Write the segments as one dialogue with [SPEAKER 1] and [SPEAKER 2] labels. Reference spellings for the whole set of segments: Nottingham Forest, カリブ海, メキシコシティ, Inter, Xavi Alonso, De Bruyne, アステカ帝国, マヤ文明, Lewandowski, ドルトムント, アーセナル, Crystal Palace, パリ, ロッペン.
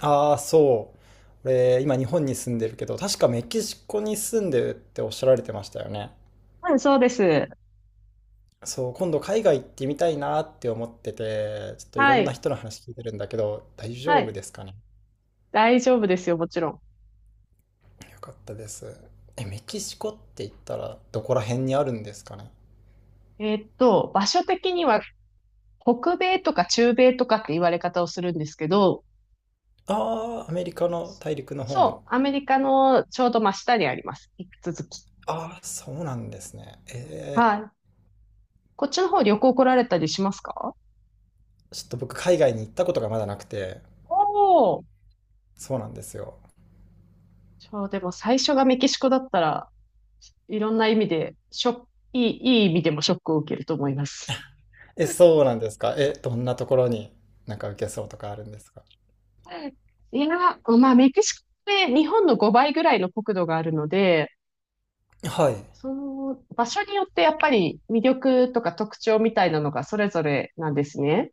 [SPEAKER 1] ああ、そう。俺、今日本に住んでるけど、確かメキシコに住んでるっておっしゃられてましたよね。
[SPEAKER 2] うん、そうです。
[SPEAKER 1] そう、今度海外行ってみたいなって思ってて、ちょっといろ
[SPEAKER 2] は
[SPEAKER 1] んな
[SPEAKER 2] い。
[SPEAKER 1] 人の話聞いてるんだけど、大丈
[SPEAKER 2] は
[SPEAKER 1] 夫
[SPEAKER 2] い。
[SPEAKER 1] ですかね。
[SPEAKER 2] 大丈夫ですよ、もちろ
[SPEAKER 1] よかったです。え、メキシコって言ったらどこら辺にあるんですかね。
[SPEAKER 2] ん。場所的には北米とか中米とかって言われ方をするんですけど、
[SPEAKER 1] ああ、アメリカの大陸の方の。
[SPEAKER 2] そう、アメリカのちょうど真下にあります。引き続き。
[SPEAKER 1] ああ、そうなんですね。え
[SPEAKER 2] は
[SPEAKER 1] え、
[SPEAKER 2] い。こっちの方旅行来られたりしますか？
[SPEAKER 1] ちょっと僕海外に行ったことがまだなくて、
[SPEAKER 2] おおー。
[SPEAKER 1] そうなんですよ。
[SPEAKER 2] そう、でも最初がメキシコだったら、いろんな意味で、ショック、いい意味でもショックを受けると思います。
[SPEAKER 1] え、そうなんですか。え、どんなところになんか受けそうとかあるんですか。
[SPEAKER 2] いや、まあ、メキシコって日本の5倍ぐらいの国土があるので、
[SPEAKER 1] はい。
[SPEAKER 2] その場所によってやっぱり魅力とか特徴みたいなのがそれぞれなんですね。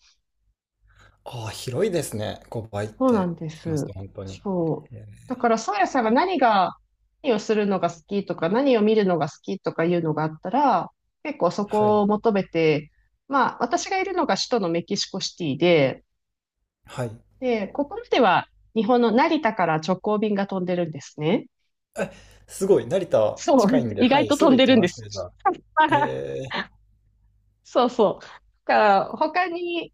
[SPEAKER 1] ああ、広いですね。5倍っ
[SPEAKER 2] そうな
[SPEAKER 1] て
[SPEAKER 2] んで
[SPEAKER 1] 言います
[SPEAKER 2] す。
[SPEAKER 1] と本当に。
[SPEAKER 2] そう。
[SPEAKER 1] え
[SPEAKER 2] だ
[SPEAKER 1] ー
[SPEAKER 2] から、そうやさんが何が、何をするのが好きとか、何を見るのが好きとかいうのがあったら、結構そ
[SPEAKER 1] は
[SPEAKER 2] こ
[SPEAKER 1] い。
[SPEAKER 2] を求めて、まあ、私がいるのが首都のメキシコシティで、
[SPEAKER 1] はい。
[SPEAKER 2] で、ここまでは日本の成田から直行便が飛んでるんですね。
[SPEAKER 1] すごい、成田
[SPEAKER 2] そ
[SPEAKER 1] 近い
[SPEAKER 2] う、
[SPEAKER 1] ん で、
[SPEAKER 2] 意
[SPEAKER 1] は
[SPEAKER 2] 外
[SPEAKER 1] い、
[SPEAKER 2] と
[SPEAKER 1] す
[SPEAKER 2] 飛
[SPEAKER 1] ぐ
[SPEAKER 2] ん
[SPEAKER 1] 行
[SPEAKER 2] で
[SPEAKER 1] き
[SPEAKER 2] るん
[SPEAKER 1] ま
[SPEAKER 2] で
[SPEAKER 1] す
[SPEAKER 2] す。
[SPEAKER 1] ね、じゃあ。えー、
[SPEAKER 2] そうそう。だから、他に、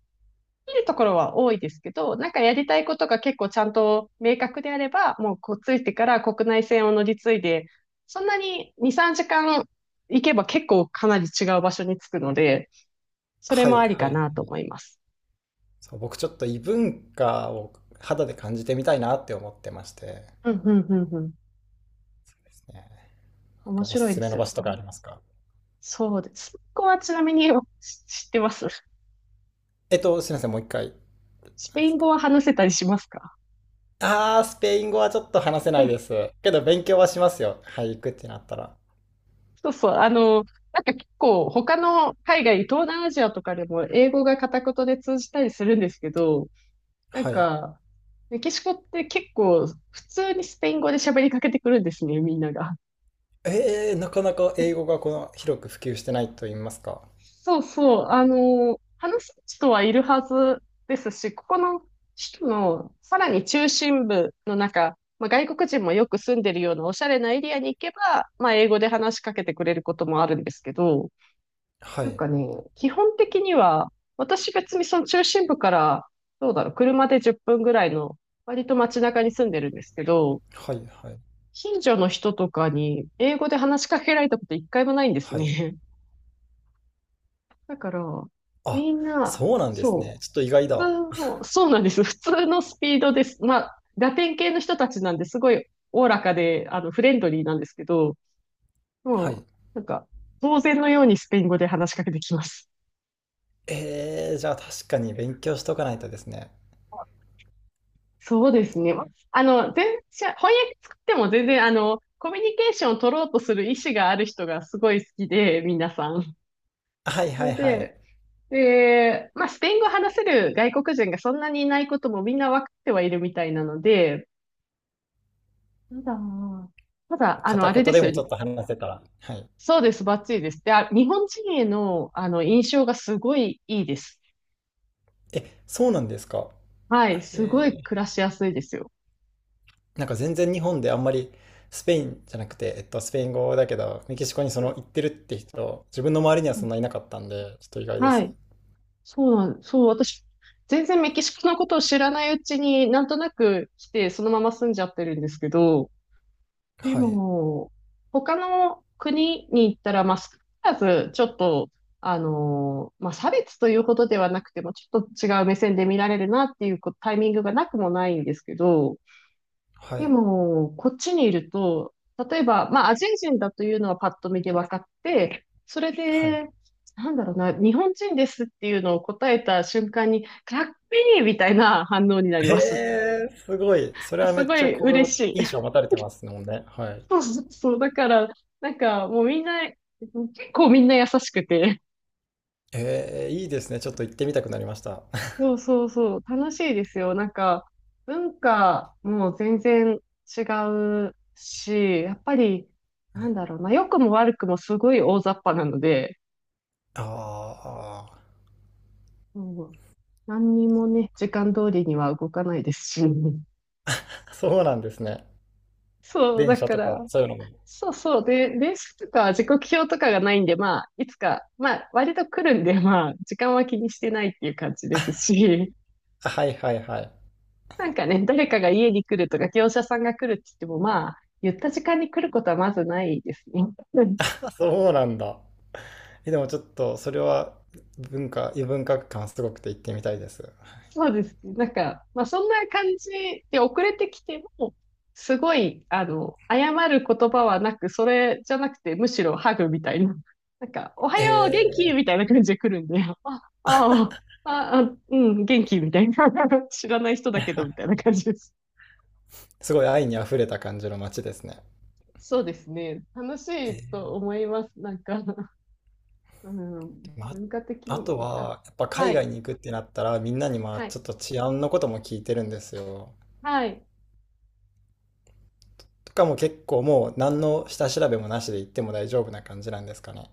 [SPEAKER 2] きるところは多いですけど、なんかやりたいことが結構ちゃんと明確であれば、もうこうついてから国内線を乗り継いで、そんなに2、3時間行けば結構かなり違う場所に着くので、それ
[SPEAKER 1] は
[SPEAKER 2] も
[SPEAKER 1] い、
[SPEAKER 2] あり
[SPEAKER 1] は
[SPEAKER 2] か
[SPEAKER 1] い。
[SPEAKER 2] なと思います。
[SPEAKER 1] そう、僕ちょっと異文化を肌で感じてみたいなって思ってまして
[SPEAKER 2] うん、うん、うん、うん。
[SPEAKER 1] ですね。なん
[SPEAKER 2] 面
[SPEAKER 1] かお
[SPEAKER 2] 白
[SPEAKER 1] す
[SPEAKER 2] い
[SPEAKER 1] す
[SPEAKER 2] で
[SPEAKER 1] め
[SPEAKER 2] す
[SPEAKER 1] の
[SPEAKER 2] よ
[SPEAKER 1] 場
[SPEAKER 2] ね。
[SPEAKER 1] 所とかありますか？
[SPEAKER 2] そうです。スペイン語はちなみに 知ってます？
[SPEAKER 1] すいません、もう一回、
[SPEAKER 2] ス
[SPEAKER 1] 何
[SPEAKER 2] ペ
[SPEAKER 1] で
[SPEAKER 2] イ
[SPEAKER 1] す
[SPEAKER 2] ン
[SPEAKER 1] か？
[SPEAKER 2] 語は話せたりしますか？
[SPEAKER 1] あー、スペイン語はちょっと話せないで す。けど勉強はしますよ。はい、行くってなったら。
[SPEAKER 2] そうそう。なんか結構他の海外、東南アジアとかでも英語が片言で通じたりするんですけど、なん
[SPEAKER 1] はい。
[SPEAKER 2] か、メキシコって結構普通にスペイン語で喋りかけてくるんですね、みんなが。
[SPEAKER 1] えー、なかなか英語がこの広く普及してないと言いますか。
[SPEAKER 2] そうそう、話す人はいるはずですし、ここの人のさらに中心部の中、まあ、外国人もよく住んでるようなおしゃれなエリアに行けば、まあ、英語で話しかけてくれることもあるんですけど、
[SPEAKER 1] は
[SPEAKER 2] なん
[SPEAKER 1] い。
[SPEAKER 2] かね、基本的には、私別にその中心部から、どうだろう、車で10分ぐらいの、割と街中に住んでるんですけど、
[SPEAKER 1] はい、はい、
[SPEAKER 2] 近所の人とかに英語で話しかけられたこと一回もないんです
[SPEAKER 1] はい。
[SPEAKER 2] ね。だから、
[SPEAKER 1] あ、
[SPEAKER 2] みんな、
[SPEAKER 1] そうなんですね。
[SPEAKER 2] そ
[SPEAKER 1] ちょっと意外
[SPEAKER 2] う、普
[SPEAKER 1] だ。
[SPEAKER 2] 通の、そうなんです。普通のスピードです。まあ、ラテン系の人たちなんですごいおおらかで、フレンドリーなんですけど、
[SPEAKER 1] はい。
[SPEAKER 2] もなんか、当然のようにスペイン語で話しかけてきます。
[SPEAKER 1] えー、じゃあ確かに勉強しとかないとですね。
[SPEAKER 2] そうですね。全然、翻訳作っても全然、コミュニケーションを取ろうとする意思がある人がすごい好きで、皆さん。
[SPEAKER 1] はい
[SPEAKER 2] そ
[SPEAKER 1] は
[SPEAKER 2] れ
[SPEAKER 1] いはい。
[SPEAKER 2] で、で、まあ、スペイン語を話せる外国人がそんなにいないこともみんな分かってはいるみたいなので、そだ。ただ、
[SPEAKER 1] 片
[SPEAKER 2] あれで
[SPEAKER 1] 言で
[SPEAKER 2] す
[SPEAKER 1] も
[SPEAKER 2] よ。
[SPEAKER 1] ちょっと話せたら。はい。
[SPEAKER 2] そうです、バッチリです。で、あ、日本人への、印象がすごいいいです。
[SPEAKER 1] え、そうなんですか。
[SPEAKER 2] はい、す
[SPEAKER 1] へ
[SPEAKER 2] ごい暮
[SPEAKER 1] ー
[SPEAKER 2] らしやすいですよ。
[SPEAKER 1] なんか全然日本であんまりスペインじゃなくて、スペイン語だけど、メキシコにそ
[SPEAKER 2] う
[SPEAKER 1] の
[SPEAKER 2] ん
[SPEAKER 1] 行ってるって人、自分の周りには
[SPEAKER 2] う
[SPEAKER 1] そ
[SPEAKER 2] ん、
[SPEAKER 1] んないなかったんで、ちょっと意外で
[SPEAKER 2] は
[SPEAKER 1] す。
[SPEAKER 2] い、そうなん、そう、私、全然メキシコのことを知らないうちになんとなく来て、そのまま住んじゃってるんですけど、で
[SPEAKER 1] はい。
[SPEAKER 2] も、他の国に行ったら、まあ、少なからず、ちょっと、まあ、差別というほどではなくても、ちょっと違う目線で見られるなっていうこタイミングがなくもないんですけど、
[SPEAKER 1] は
[SPEAKER 2] で
[SPEAKER 1] い。
[SPEAKER 2] も、こっちにいると、例えば、まあ、アジア人だというのはパッと見で分かって、それ
[SPEAKER 1] はい。
[SPEAKER 2] で、なんだろうな、日本人ですっていうのを答えた瞬間に、かっこいいみたいな反応になり
[SPEAKER 1] へ
[SPEAKER 2] ます。
[SPEAKER 1] え、すごい。それ はめ
[SPEAKER 2] す
[SPEAKER 1] っ
[SPEAKER 2] ご
[SPEAKER 1] ちゃ
[SPEAKER 2] い
[SPEAKER 1] 好
[SPEAKER 2] 嬉しい。
[SPEAKER 1] 印象を持たれてますもんね。はい。
[SPEAKER 2] そうそうそう。だから、なんかもうみんな、結構みんな優しくて。
[SPEAKER 1] えーいいですね。ちょっと行ってみたくなりました。
[SPEAKER 2] そうそうそう。楽しいですよ。なんか、文化も全然違うし、やっぱり、なんだろうな、良くも悪くもすごい大雑把なので、
[SPEAKER 1] ああ、
[SPEAKER 2] うん、何にもね、時間通りには動かないですし。
[SPEAKER 1] そうなんですね。
[SPEAKER 2] そう、
[SPEAKER 1] 電
[SPEAKER 2] だ
[SPEAKER 1] 車
[SPEAKER 2] か
[SPEAKER 1] と
[SPEAKER 2] ら、
[SPEAKER 1] か、そういうのも。
[SPEAKER 2] そうそう。で、レースとか時刻表とかがないんで、まあ、いつか、まあ、割と来るんで、まあ、時間は気にしてないっていう感じですし。
[SPEAKER 1] あはいはいはい。
[SPEAKER 2] なんかね、誰かが家に来るとか、業者さんが来るって言っても、まあ、言った時間に来ることはまずないですね。うん、
[SPEAKER 1] あそうなんだ。え、でもちょっと、それは文化、異文化感すごくて行ってみたいです。
[SPEAKER 2] そうですね。なんか、まあ、そんな感じで遅れてきても、すごい、謝る言葉はなく、それじゃなくて、むしろハグみたいな。なんか、おはよう、元気み
[SPEAKER 1] え
[SPEAKER 2] たいな感じで来るんで、あうん、元気みたいな。知らない人だけど、みたいな感じです。
[SPEAKER 1] ーすごい愛にあふれた感じの街ですね。
[SPEAKER 2] そうですね。楽しいと
[SPEAKER 1] え
[SPEAKER 2] 思います。なんか、うん、
[SPEAKER 1] ーま、
[SPEAKER 2] 文化的に
[SPEAKER 1] あ
[SPEAKER 2] もね、
[SPEAKER 1] と
[SPEAKER 2] あ、
[SPEAKER 1] は、やっぱ海
[SPEAKER 2] は
[SPEAKER 1] 外
[SPEAKER 2] い、
[SPEAKER 1] に行くってなったら、みんなにまあ
[SPEAKER 2] は
[SPEAKER 1] ちょ
[SPEAKER 2] い、
[SPEAKER 1] っと治安のことも聞いてるんですよ。
[SPEAKER 2] はい。
[SPEAKER 1] とかも結構もう何の下調べもなしで行っても大丈夫な感じなんですかね。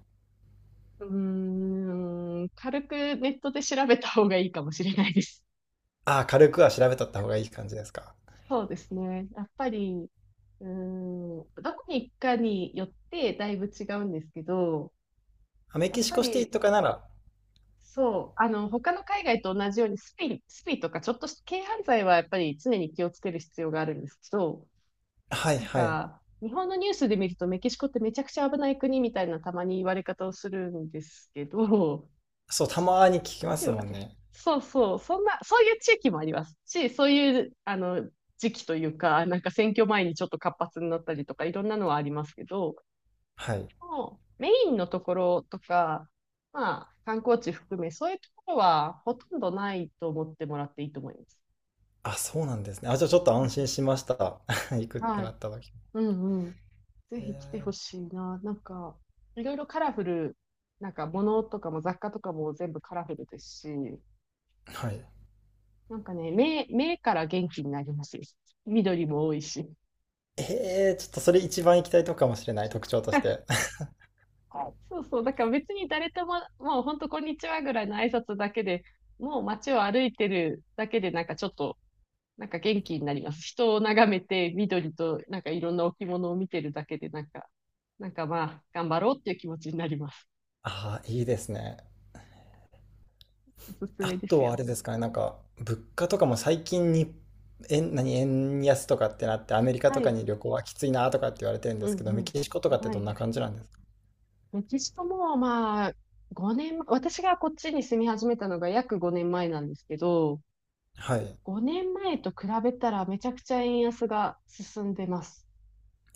[SPEAKER 2] うーん、軽くネットで調べた方がいいかもしれないです。
[SPEAKER 1] ああ、軽くは調べとった方がいい感じですか。
[SPEAKER 2] そうですね。やっぱり、うーん、どこに行くかによってだいぶ違うんですけど、
[SPEAKER 1] あメ
[SPEAKER 2] や
[SPEAKER 1] キ
[SPEAKER 2] っ
[SPEAKER 1] シ
[SPEAKER 2] ぱ
[SPEAKER 1] コシティ
[SPEAKER 2] り、
[SPEAKER 1] とかなら、
[SPEAKER 2] そう、他の海外と同じようにスピ、スピとかちょっとした軽犯罪はやっぱり常に気をつける必要があるんですけど、
[SPEAKER 1] はい
[SPEAKER 2] なん
[SPEAKER 1] はい。
[SPEAKER 2] か、日本のニュースで見ると、メキシコってめちゃくちゃ危ない国みたいなたまに言われ方をするんですけど、
[SPEAKER 1] そう、たまに聞きま
[SPEAKER 2] で
[SPEAKER 1] す
[SPEAKER 2] は
[SPEAKER 1] もん
[SPEAKER 2] ね、
[SPEAKER 1] ね。
[SPEAKER 2] そうそう、そんな、そういう地域もありますし、そういう、時期というか、なんか選挙前にちょっと活発になったりとか、いろんなのはありますけど、
[SPEAKER 1] はい。
[SPEAKER 2] もうメインのところとか、まあ、観光地含め、そういうところはほとんどないと思ってもらっていいと思います。
[SPEAKER 1] あ、そうなんですね。あ、じゃあちょっと
[SPEAKER 2] うん
[SPEAKER 1] 安
[SPEAKER 2] う
[SPEAKER 1] 心
[SPEAKER 2] ん、
[SPEAKER 1] しました。行くって
[SPEAKER 2] は
[SPEAKER 1] な
[SPEAKER 2] い。
[SPEAKER 1] った時。
[SPEAKER 2] うんうん。ぜひ来てほしいな。なんか、いろいろカラフル、なんか物とかも雑貨とかも全部カラフルですし、
[SPEAKER 1] はい。
[SPEAKER 2] なんかね、目から元気になりますよ。緑も多いし。
[SPEAKER 1] えー、ちょっとそれ一番行きたいとこかもしれない、特徴として。
[SPEAKER 2] はい、そうそう、だから別に誰とも、もう本当こんにちはぐらいの挨拶だけで、もう街を歩いてるだけでなんかちょっと、なんか元気になります。人を眺めて、緑となんかいろんな置物を見てるだけで、なんか、なんかまあ、頑張ろうっていう気持ちになります。
[SPEAKER 1] ああ、いいですね。
[SPEAKER 2] おすす
[SPEAKER 1] あ
[SPEAKER 2] めです
[SPEAKER 1] とはあ
[SPEAKER 2] よ。
[SPEAKER 1] れですかね、なんか、物価とかも最近に、円、何、円安とかってなって、アメリカ
[SPEAKER 2] は
[SPEAKER 1] とか
[SPEAKER 2] い。
[SPEAKER 1] に旅行はきついなとかって言われてるんで
[SPEAKER 2] うん
[SPEAKER 1] すけど、
[SPEAKER 2] う
[SPEAKER 1] メキシコとかっ
[SPEAKER 2] ん。
[SPEAKER 1] て
[SPEAKER 2] は
[SPEAKER 1] どん
[SPEAKER 2] い。
[SPEAKER 1] な感じなんですか？
[SPEAKER 2] メキシコも、まあ、5年、私がこっちに住み始めたのが約5年前なんですけど、
[SPEAKER 1] はい。
[SPEAKER 2] 5年前と比べたらめちゃくちゃ円安が進んでます。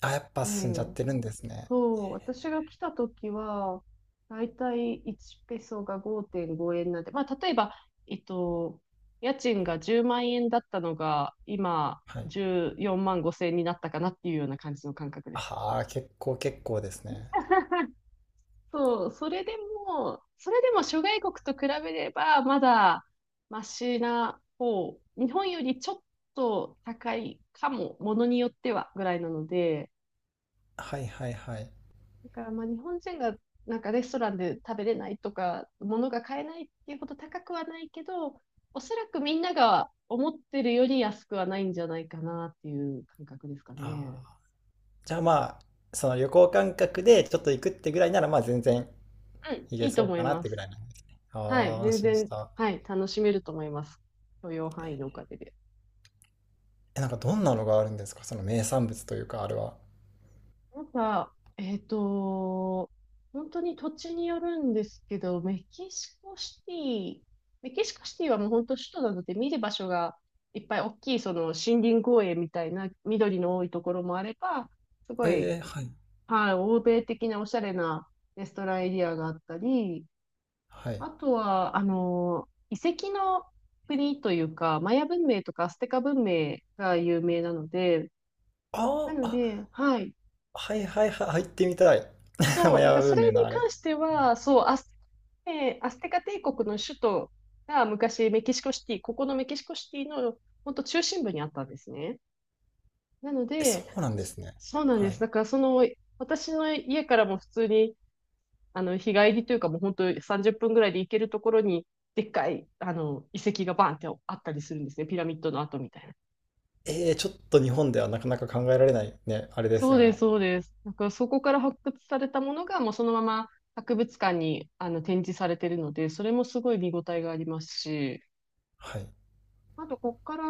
[SPEAKER 1] あ、やっぱ
[SPEAKER 2] え
[SPEAKER 1] 進んじゃっ
[SPEAKER 2] え。
[SPEAKER 1] てるんですね。
[SPEAKER 2] そう、私が来た時は、だいたい1ペソが5.5円なんで、まあ、例えば、えっと、家賃が10万円だったのが、今、
[SPEAKER 1] はい。
[SPEAKER 2] 14万5千円になったかなっていうような感じの感覚です。
[SPEAKER 1] ああ、結構結構ですね。
[SPEAKER 2] そう、それでも諸外国と比べれば、まだマシな方、日本よりちょっと高いかも、ものによってはぐらいなので、
[SPEAKER 1] はいはいはい。
[SPEAKER 2] だからまあ日本人がなんかレストランで食べれないとか、物が買えないっていうほど高くはないけど、おそらくみんなが思ってるより安くはないんじゃないかなっていう感覚ですかね。
[SPEAKER 1] ああ。じゃあまあ、その旅行感覚でちょっと行くってぐらいなら、まあ全然
[SPEAKER 2] うん、
[SPEAKER 1] 行
[SPEAKER 2] い
[SPEAKER 1] け
[SPEAKER 2] いと
[SPEAKER 1] そう
[SPEAKER 2] 思
[SPEAKER 1] か
[SPEAKER 2] い
[SPEAKER 1] なっ
[SPEAKER 2] ま
[SPEAKER 1] てぐ
[SPEAKER 2] す。
[SPEAKER 1] らいなんですね。あ
[SPEAKER 2] はい、
[SPEAKER 1] あ、安
[SPEAKER 2] 全
[SPEAKER 1] 心し
[SPEAKER 2] 然、
[SPEAKER 1] た。
[SPEAKER 2] はい、楽しめると思います。許容範囲のおかげで。
[SPEAKER 1] え、なんかどんなのがあるんですかその名産物というか、あれは。
[SPEAKER 2] なんか、本当に土地によるんですけど、メキシコシティはもう本当首都なので見る場所がいっぱい大きいその森林公園みたいな緑の多いところもあれば、すごい、
[SPEAKER 1] ええはい。
[SPEAKER 2] はい、欧米的なおしゃれなレストランエリアがあったり、
[SPEAKER 1] はい。
[SPEAKER 2] あとは、遺跡の国というか、マヤ文明とかアステカ文明が有名なので、な
[SPEAKER 1] ああ、
[SPEAKER 2] ので、
[SPEAKER 1] あ、
[SPEAKER 2] はい。
[SPEAKER 1] はいはいはい、入ってみたい。マ
[SPEAKER 2] そう、だか
[SPEAKER 1] ヤ
[SPEAKER 2] らそ
[SPEAKER 1] 文明
[SPEAKER 2] れ
[SPEAKER 1] の
[SPEAKER 2] に
[SPEAKER 1] あれ。
[SPEAKER 2] 関しては、そう、ねえーアステカ帝国の首都が昔メキシコシティ、ここのメキシコシティの本当中心部にあったんですね。なの
[SPEAKER 1] え、そ
[SPEAKER 2] で、
[SPEAKER 1] うなんですね。
[SPEAKER 2] そうなん
[SPEAKER 1] は
[SPEAKER 2] です。
[SPEAKER 1] い。
[SPEAKER 2] だからその、私の家からも普通に、日帰りというかもう本当30分ぐらいで行けるところに、でっかい、遺跡がバーンってあったりするんですね。ピラミッドの跡みたいな。
[SPEAKER 1] えー、ちょっと日本ではなかなか考えられないね、あれです
[SPEAKER 2] そう
[SPEAKER 1] よ
[SPEAKER 2] で
[SPEAKER 1] ね。
[SPEAKER 2] す、そうです。なんかそこから発掘されたものがもうそのまま博物館にあの展示されてるので、それもすごい見応えがありますし、
[SPEAKER 1] はい。
[SPEAKER 2] あとこっから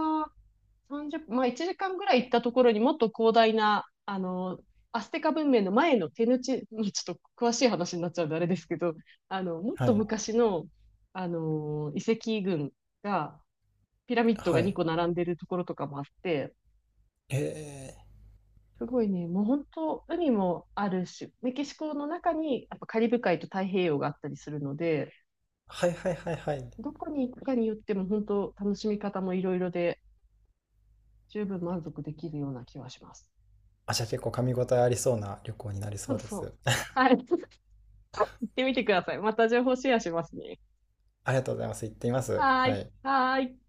[SPEAKER 2] 30まあ1時間ぐらい行ったところにもっと広大な、アステカ文明の前の手抜ちもうちょっと詳しい話になっちゃうんであれですけど、もっ
[SPEAKER 1] は
[SPEAKER 2] と
[SPEAKER 1] い。
[SPEAKER 2] 昔の、遺跡群が、ピラミッド
[SPEAKER 1] は
[SPEAKER 2] が2
[SPEAKER 1] い。
[SPEAKER 2] 個並んでるところとかもあって、
[SPEAKER 1] えー、
[SPEAKER 2] すごいね、もう本当、海もあるし、メキシコの中にやっぱカリブ海と太平洋があったりするので、
[SPEAKER 1] はいはいはいはい。
[SPEAKER 2] どこに行くかによっても本当、楽しみ方もいろいろで、十分満足できるような気はします。
[SPEAKER 1] あ、じゃあ結構噛み応えありそうな旅行になりそ
[SPEAKER 2] そ
[SPEAKER 1] う
[SPEAKER 2] う
[SPEAKER 1] で
[SPEAKER 2] そ
[SPEAKER 1] す。
[SPEAKER 2] う。はい。行ってみてください。また情報シェアしますね。
[SPEAKER 1] ありがとうございます。行ってみます。
[SPEAKER 2] はー
[SPEAKER 1] は
[SPEAKER 2] い。
[SPEAKER 1] い。
[SPEAKER 2] はーい。